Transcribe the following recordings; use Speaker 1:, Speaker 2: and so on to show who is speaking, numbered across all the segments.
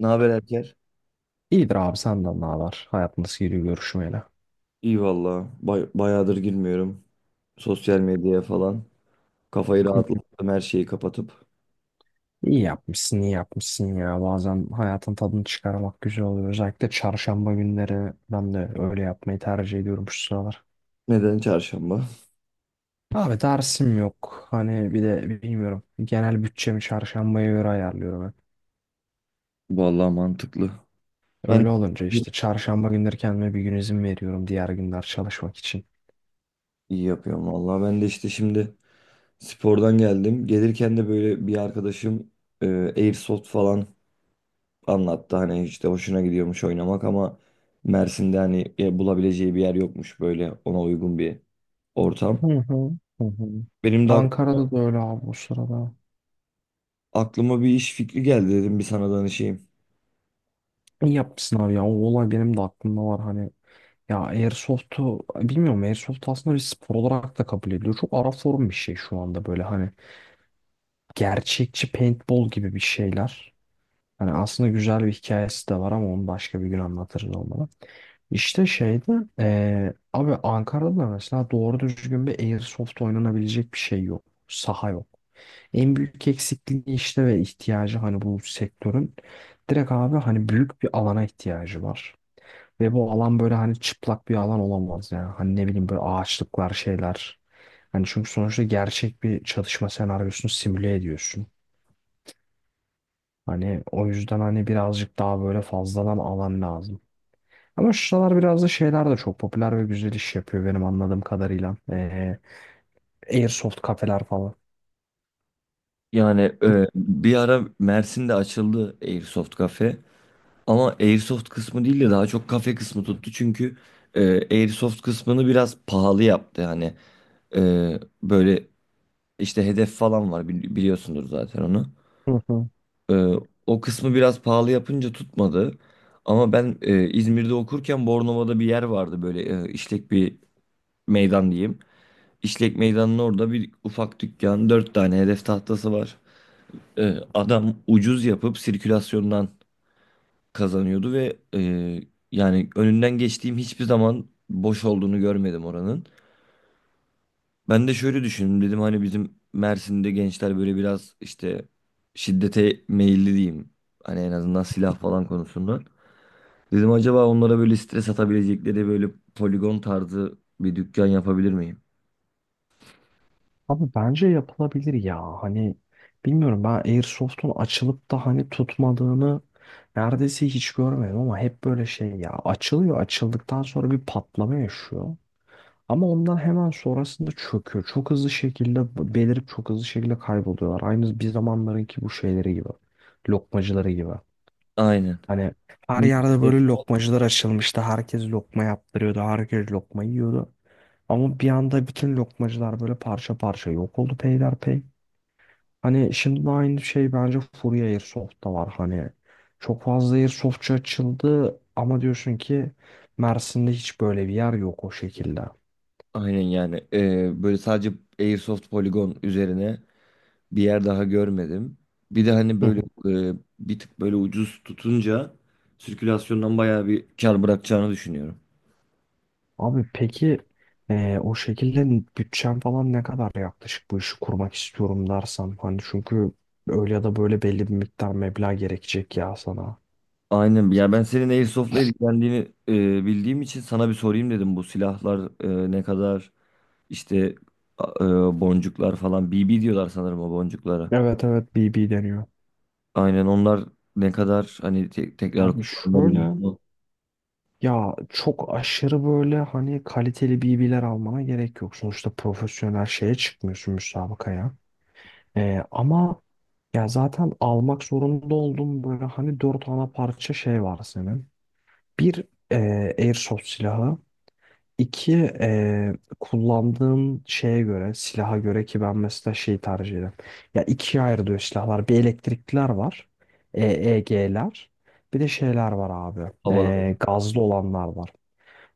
Speaker 1: Ne haber Erker?
Speaker 2: İyidir abi senden ne haber? Hayat nasıl gidiyor görüşmeyle?
Speaker 1: İyi valla. Bayağıdır girmiyorum. Sosyal medyaya falan. Kafayı
Speaker 2: Hı hı.
Speaker 1: rahatlattım her şeyi kapatıp.
Speaker 2: İyi yapmışsın, iyi yapmışsın ya. Bazen hayatın tadını çıkarmak güzel oluyor. Özellikle çarşamba günleri ben de öyle yapmayı tercih ediyorum şu sıralar.
Speaker 1: Neden çarşamba?
Speaker 2: Abi dersim yok. Hani bir de bilmiyorum. Genel bütçemi çarşambaya göre ayarlıyorum hep.
Speaker 1: Vallahi mantıklı. Ben
Speaker 2: Öyle olunca işte çarşamba günleri kendime bir gün izin veriyorum diğer günler çalışmak için.
Speaker 1: iyi yapıyorum valla. Ben de işte şimdi spordan geldim. Gelirken de böyle bir arkadaşım e, Airsoft falan anlattı. Hani işte hoşuna gidiyormuş oynamak ama Mersin'de hani bulabileceği bir yer yokmuş böyle ona uygun bir ortam.
Speaker 2: Hı hı. Hı hı.
Speaker 1: Benim de
Speaker 2: Ankara'da da öyle abi bu sırada.
Speaker 1: aklıma bir iş fikri geldi dedim bir sana danışayım.
Speaker 2: İyi yapmışsın abi ya. O olay benim de aklımda var hani. Ya Airsoft'u bilmiyorum, Airsoft aslında bir spor olarak da kabul ediliyor. Çok ara form bir şey şu anda böyle hani gerçekçi paintball gibi bir şeyler. Hani aslında güzel bir hikayesi de var ama onu başka bir gün anlatırız olmalı. İşte şeyde abi, Ankara'da da mesela doğru düzgün bir Airsoft oynanabilecek bir şey yok. Saha yok. En büyük eksikliği işte ve ihtiyacı hani bu sektörün direkt abi hani büyük bir alana ihtiyacı var. Ve bu alan böyle hani çıplak bir alan olamaz ya. Hani ne bileyim böyle ağaçlıklar şeyler. Hani çünkü sonuçta gerçek bir çalışma senaryosunu simüle ediyorsun. Hani o yüzden hani birazcık daha böyle fazladan alan lazım. Ama şu sıralar biraz da şeyler de çok popüler ve güzel iş yapıyor benim anladığım kadarıyla. Airsoft kafeler falan.
Speaker 1: Yani
Speaker 2: Hı
Speaker 1: bir ara Mersin'de açıldı Airsoft kafe. Ama Airsoft kısmı değil de daha çok kafe kısmı tuttu. Çünkü Airsoft kısmını biraz pahalı yaptı. Hani böyle işte hedef falan var biliyorsundur zaten onu.
Speaker 2: hı.
Speaker 1: E, O kısmı biraz pahalı yapınca tutmadı. Ama ben İzmir'de okurken Bornova'da bir yer vardı böyle işlek bir meydan diyeyim. İşlek meydanın orada bir ufak dükkan, dört tane hedef tahtası var. Adam ucuz yapıp sirkülasyondan kazanıyordu ve yani önünden geçtiğim hiçbir zaman boş olduğunu görmedim oranın. Ben de şöyle düşündüm dedim hani bizim Mersin'de gençler böyle biraz işte şiddete meyilli diyeyim. Hani en azından silah falan konusunda. Dedim acaba onlara böyle stres atabilecekleri böyle poligon tarzı bir dükkan yapabilir miyim?
Speaker 2: Abi bence yapılabilir ya. Hani bilmiyorum, ben Airsoft'un açılıp da hani tutmadığını neredeyse hiç görmedim ama hep böyle şey ya, açılıyor açıldıktan sonra bir patlama yaşıyor. Ama ondan hemen sonrasında çöküyor. Çok hızlı şekilde belirip çok hızlı şekilde kayboluyorlar. Aynı bir zamanlarınki bu şeyleri gibi. Lokmacıları gibi.
Speaker 1: Aynen.
Speaker 2: Hani her yerde böyle lokmacılar açılmıştı. Herkes lokma yaptırıyordu. Herkes lokma yiyordu. Ama bir anda bütün lokmacılar böyle parça parça yok oldu peyderpey. Hani şimdi de aynı şey bence Fury Airsoft'ta var. Hani çok fazla Airsoft'çu açıldı ama diyorsun ki Mersin'de hiç böyle bir yer yok o şekilde.
Speaker 1: Aynen yani. Böyle sadece Airsoft poligon üzerine bir yer daha görmedim. Bir de hani böyle bir tık böyle ucuz tutunca sirkülasyondan bayağı bir kar bırakacağını düşünüyorum.
Speaker 2: Abi peki o şekilde bütçen falan ne kadar, yaklaşık bu işi kurmak istiyorum dersen, hani çünkü öyle ya da böyle belli bir miktar meblağ gerekecek ya sana.
Speaker 1: Aynen. Ya ben senin Airsoft'la ilgilendiğini bildiğim için sana bir sorayım dedim. Bu silahlar ne kadar işte boncuklar falan BB diyorlar sanırım o boncuklara.
Speaker 2: Evet evet, BB deniyor.
Speaker 1: Aynen onlar ne kadar hani tekrar
Speaker 2: Abi
Speaker 1: kullanılabiliyor
Speaker 2: şöyle,
Speaker 1: mu
Speaker 2: ya çok aşırı böyle hani kaliteli BB'ler almana gerek yok. Sonuçta profesyonel şeye çıkmıyorsun müsabakaya. Ama ya zaten almak zorunda olduğum böyle hani dört ana parça şey var senin. Bir airsoft silahı. İki, kullandığım şeye göre, silaha göre, ki ben mesela şeyi tercih ederim. Ya ikiye ayrılıyor silahlar. Bir, elektrikliler var. EEG'ler. Bir de şeyler var abi.
Speaker 1: havalarda?
Speaker 2: Gazlı olanlar var.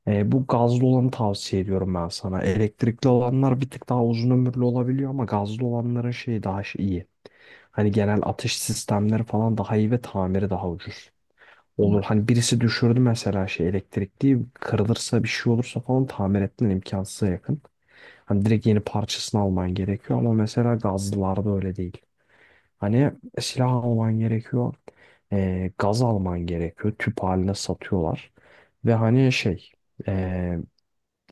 Speaker 2: Bu gazlı olanı tavsiye ediyorum ben sana. Elektrikli olanlar bir tık daha uzun ömürlü olabiliyor ama gazlı olanların şeyi daha iyi. Hani genel atış sistemleri falan daha iyi ve tamiri daha ucuz.
Speaker 1: Hı
Speaker 2: Olur hani, birisi düşürdü mesela şey, elektrikli kırılırsa bir şey olursa falan tamir etmen imkansıza yakın. Hani direkt yeni parçasını alman gerekiyor ama mesela gazlılarda öyle değil. Hani silah alman gerekiyor. Gaz alman gerekiyor. Tüp haline satıyorlar. Ve hani şey, e,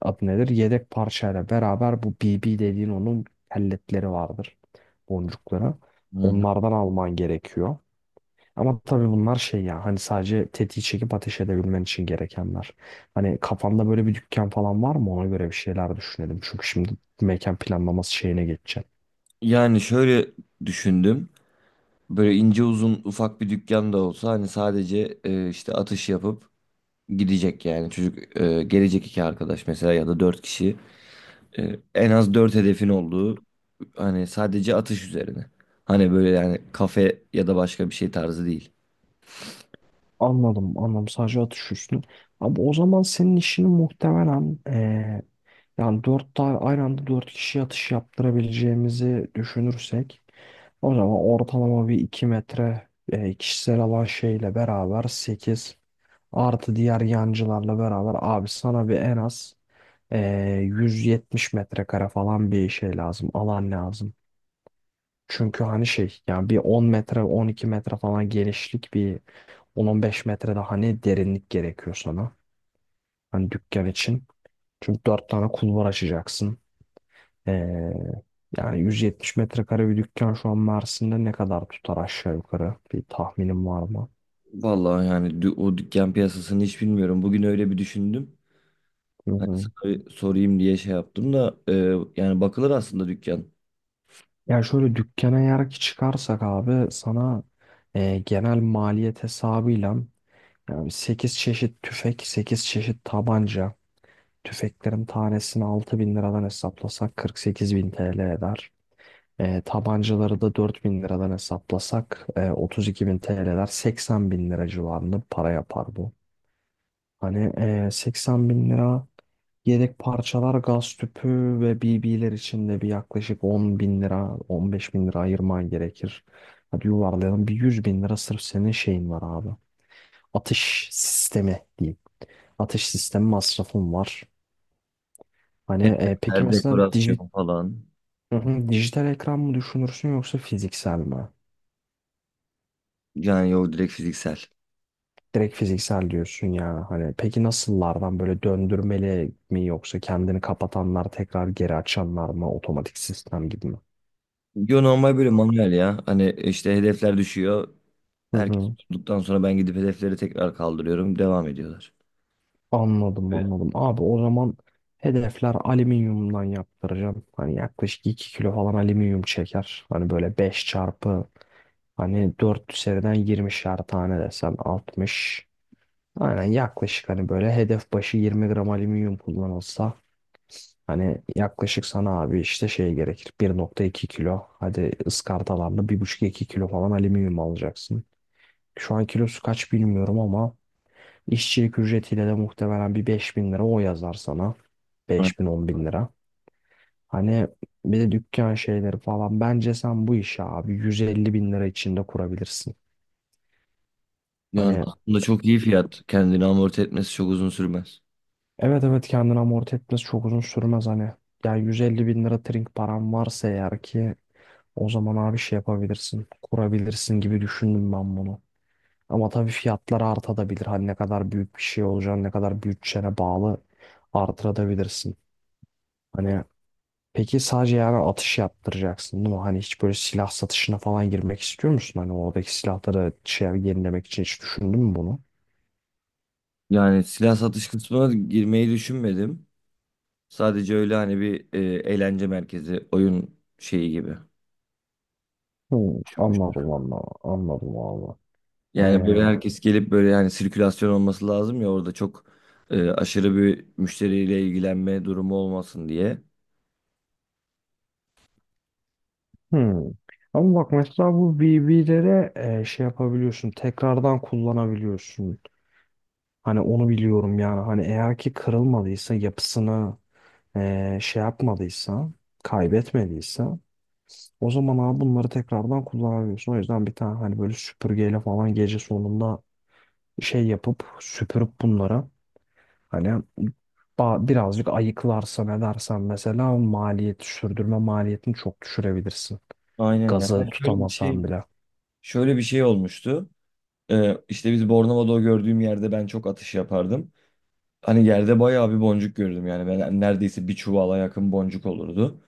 Speaker 2: adı nedir? Yedek parçayla beraber bu BB dediğin, onun pelletleri vardır. Boncukları.
Speaker 1: hı.
Speaker 2: Onlardan alman gerekiyor. Ama tabii bunlar şey ya, hani sadece tetiği çekip ateş edebilmen için gerekenler. Hani kafanda böyle bir dükkan falan var mı, ona göre bir şeyler düşünelim. Çünkü şimdi mekan planlaması şeyine geçeceğim.
Speaker 1: Yani şöyle düşündüm. Böyle ince uzun ufak bir dükkan da olsa hani sadece işte atış yapıp gidecek yani. Çocuk gelecek iki arkadaş mesela ya da dört kişi. En az dört hedefin olduğu hani sadece atış üzerine. Hani böyle yani kafe ya da başka bir şey tarzı değil.
Speaker 2: Anladım anladım, sadece atış üstüne. Ama o zaman senin işini muhtemelen, yani dört tane aynı anda dört kişi atış yaptırabileceğimizi düşünürsek o zaman ortalama bir iki metre kişisel alan şeyle beraber sekiz, artı diğer yancılarla beraber abi sana bir en az 170 metrekare falan bir şey lazım, alan lazım. Çünkü hani şey yani bir 10 metre 12 metre falan genişlik, bir 10-15 metre de hani derinlik gerekiyor sana. Hani dükkan için. Çünkü 4 tane kulvar açacaksın. Ee, yani 170 metrekare bir dükkan şu an Mersin'de ne kadar tutar aşağı yukarı? Bir tahminim var mı?
Speaker 1: Vallahi yani o dükkan piyasasını hiç bilmiyorum. Bugün öyle bir düşündüm.
Speaker 2: Hı
Speaker 1: Hani
Speaker 2: hı.
Speaker 1: sana sorayım diye şey yaptım da yani bakılır aslında dükkan.
Speaker 2: Yani şöyle, dükkana eğer ki çıkarsak abi sana genel maliyet hesabıyla. Yani 8 çeşit tüfek, 8 çeşit tabanca. Tüfeklerin tanesini 6.000 liradan hesaplasak 48.000 TL eder. Tabancaları da 4.000 liradan hesaplasak 32.000 TL eder. 80.000 lira civarında para yapar bu. Hani 80 bin lira, yedek parçalar, gaz tüpü ve BB'ler için de bir yaklaşık 10.000 lira, 15.000 lira ayırman gerekir. Hadi yuvarlayalım. Bir 100.000 lira sırf senin şeyin var abi. Atış sistemi diyeyim. Ateş sistemi masrafım var. Hani peki
Speaker 1: Hep
Speaker 2: mesela
Speaker 1: dekorasyon falan.
Speaker 2: Hı hı, dijital ekran mı düşünürsün yoksa fiziksel mi?
Speaker 1: Yani yok direkt fiziksel.
Speaker 2: Direkt fiziksel diyorsun ya. Hani peki, nasıllardan, böyle döndürmeli mi yoksa kendini kapatanlar tekrar geri açanlar mı, otomatik sistem gibi mi?
Speaker 1: Yo normal böyle manuel ya. Hani işte hedefler düşüyor.
Speaker 2: Hı
Speaker 1: Herkes
Speaker 2: hı.
Speaker 1: tuttuktan sonra ben gidip hedefleri tekrar kaldırıyorum. Devam ediyorlar.
Speaker 2: Anladım
Speaker 1: Evet.
Speaker 2: anladım. Abi o zaman hedefler alüminyumdan yaptıracağım. Hani yaklaşık 2 kilo falan alüminyum çeker. Hani böyle 5 çarpı, hani 4 seriden yirmişer tane desen 60. Aynen, yaklaşık hani böyle hedef başı 20 gram alüminyum kullanılsa hani yaklaşık sana abi işte şey gerekir, 1,2 kilo, hadi ıskartalarla bir buçuk iki kilo falan alüminyum alacaksın. Şu an kilosu kaç bilmiyorum ama işçilik ücretiyle de muhtemelen bir 5.000 lira o yazar sana. Beş bin 10 bin lira. Hani bir de dükkan şeyleri falan, bence sen bu işi abi 150 bin lira içinde kurabilirsin.
Speaker 1: Yani
Speaker 2: Hani
Speaker 1: aslında çok iyi fiyat. Kendini amorti etmesi çok uzun sürmez.
Speaker 2: evet evet, kendini amorti etmesi çok uzun sürmez hani. Yani 150 bin lira trink param varsa eğer ki, o zaman abi şey yapabilirsin. Kurabilirsin gibi düşündüm ben bunu. Ama tabii fiyatlar artabilir. Hani ne kadar büyük bir şey olacağını, ne kadar bütçene bağlı artırabilirsin. Hani peki, sadece yani atış yaptıracaksın değil mi? Hani hiç böyle silah satışına falan girmek istiyor musun? Hani oradaki silahları şey, yenilemek için hiç düşündün mü bunu?
Speaker 1: Yani silah satış kısmına girmeyi düşünmedim. Sadece öyle hani bir eğlence merkezi, oyun şeyi gibi
Speaker 2: Hı,
Speaker 1: düşünmüştüm.
Speaker 2: anladım anladım anladım abi.
Speaker 1: Yani böyle herkes gelip böyle hani sirkülasyon olması lazım ya orada çok aşırı bir müşteriyle ilgilenme durumu olmasın diye.
Speaker 2: Hmm. Ama bak mesela bu VB'lere şey yapabiliyorsun. Tekrardan kullanabiliyorsun. Hani onu biliyorum yani. Hani eğer ki kırılmadıysa, yapısını şey yapmadıysa, kaybetmediyse, o zaman abi bunları tekrardan kullanabiliyorsun. O yüzden bir tane hani böyle süpürgeyle falan gece sonunda şey yapıp süpürüp bunlara hani birazcık ayıklarsan edersen mesela maliyet, sürdürme maliyetini çok düşürebilirsin.
Speaker 1: Aynen ya.
Speaker 2: Gazı
Speaker 1: Ben şöyle bir
Speaker 2: tutamasan
Speaker 1: şey
Speaker 2: bile.
Speaker 1: Şöyle bir şey olmuştu. İşte biz Bornova'da o gördüğüm yerde ben çok atış yapardım. Hani yerde bayağı bir boncuk gördüm yani. Ben neredeyse bir çuvala yakın boncuk olurdu.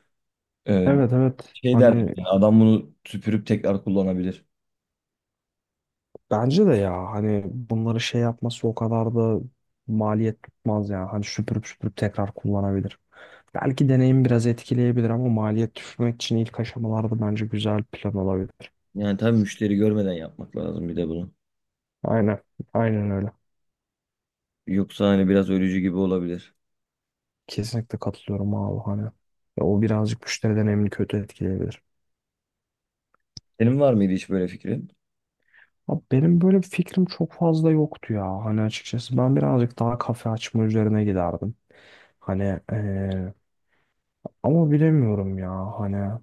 Speaker 1: Ee,
Speaker 2: Evet evet
Speaker 1: Şey derdim
Speaker 2: hani
Speaker 1: yani adam bunu süpürüp tekrar kullanabilir.
Speaker 2: bence de ya, hani bunları şey yapması o kadar da maliyet tutmaz ya, hani süpürüp süpürüp tekrar kullanabilir. Belki deneyim biraz etkileyebilir ama maliyet düşürmek için ilk aşamalarda bence güzel plan olabilir.
Speaker 1: Yani tabii müşteri görmeden yapmak lazım bir de bunu.
Speaker 2: Aynen aynen öyle,
Speaker 1: Yoksa hani biraz ölücü gibi olabilir.
Speaker 2: kesinlikle katılıyorum abi hani. Ya o birazcık müşteri deneyimini kötü etkileyebilir.
Speaker 1: Senin var mıydı hiç böyle fikrin?
Speaker 2: Abi benim böyle bir fikrim çok fazla yoktu ya hani, açıkçası ben birazcık daha kafe açma üzerine giderdim. Hani ama bilemiyorum ya hani.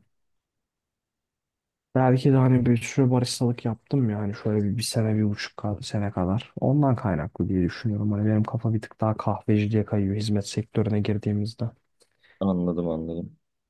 Speaker 2: Belki de hani bir sürü baristalık yaptım, yani şöyle bir sene bir buçuk sene kadar. Ondan kaynaklı diye düşünüyorum. Hani benim kafa bir tık daha kahveciliğe kayıyor hizmet sektörüne girdiğimizde.
Speaker 1: Anladım anladım.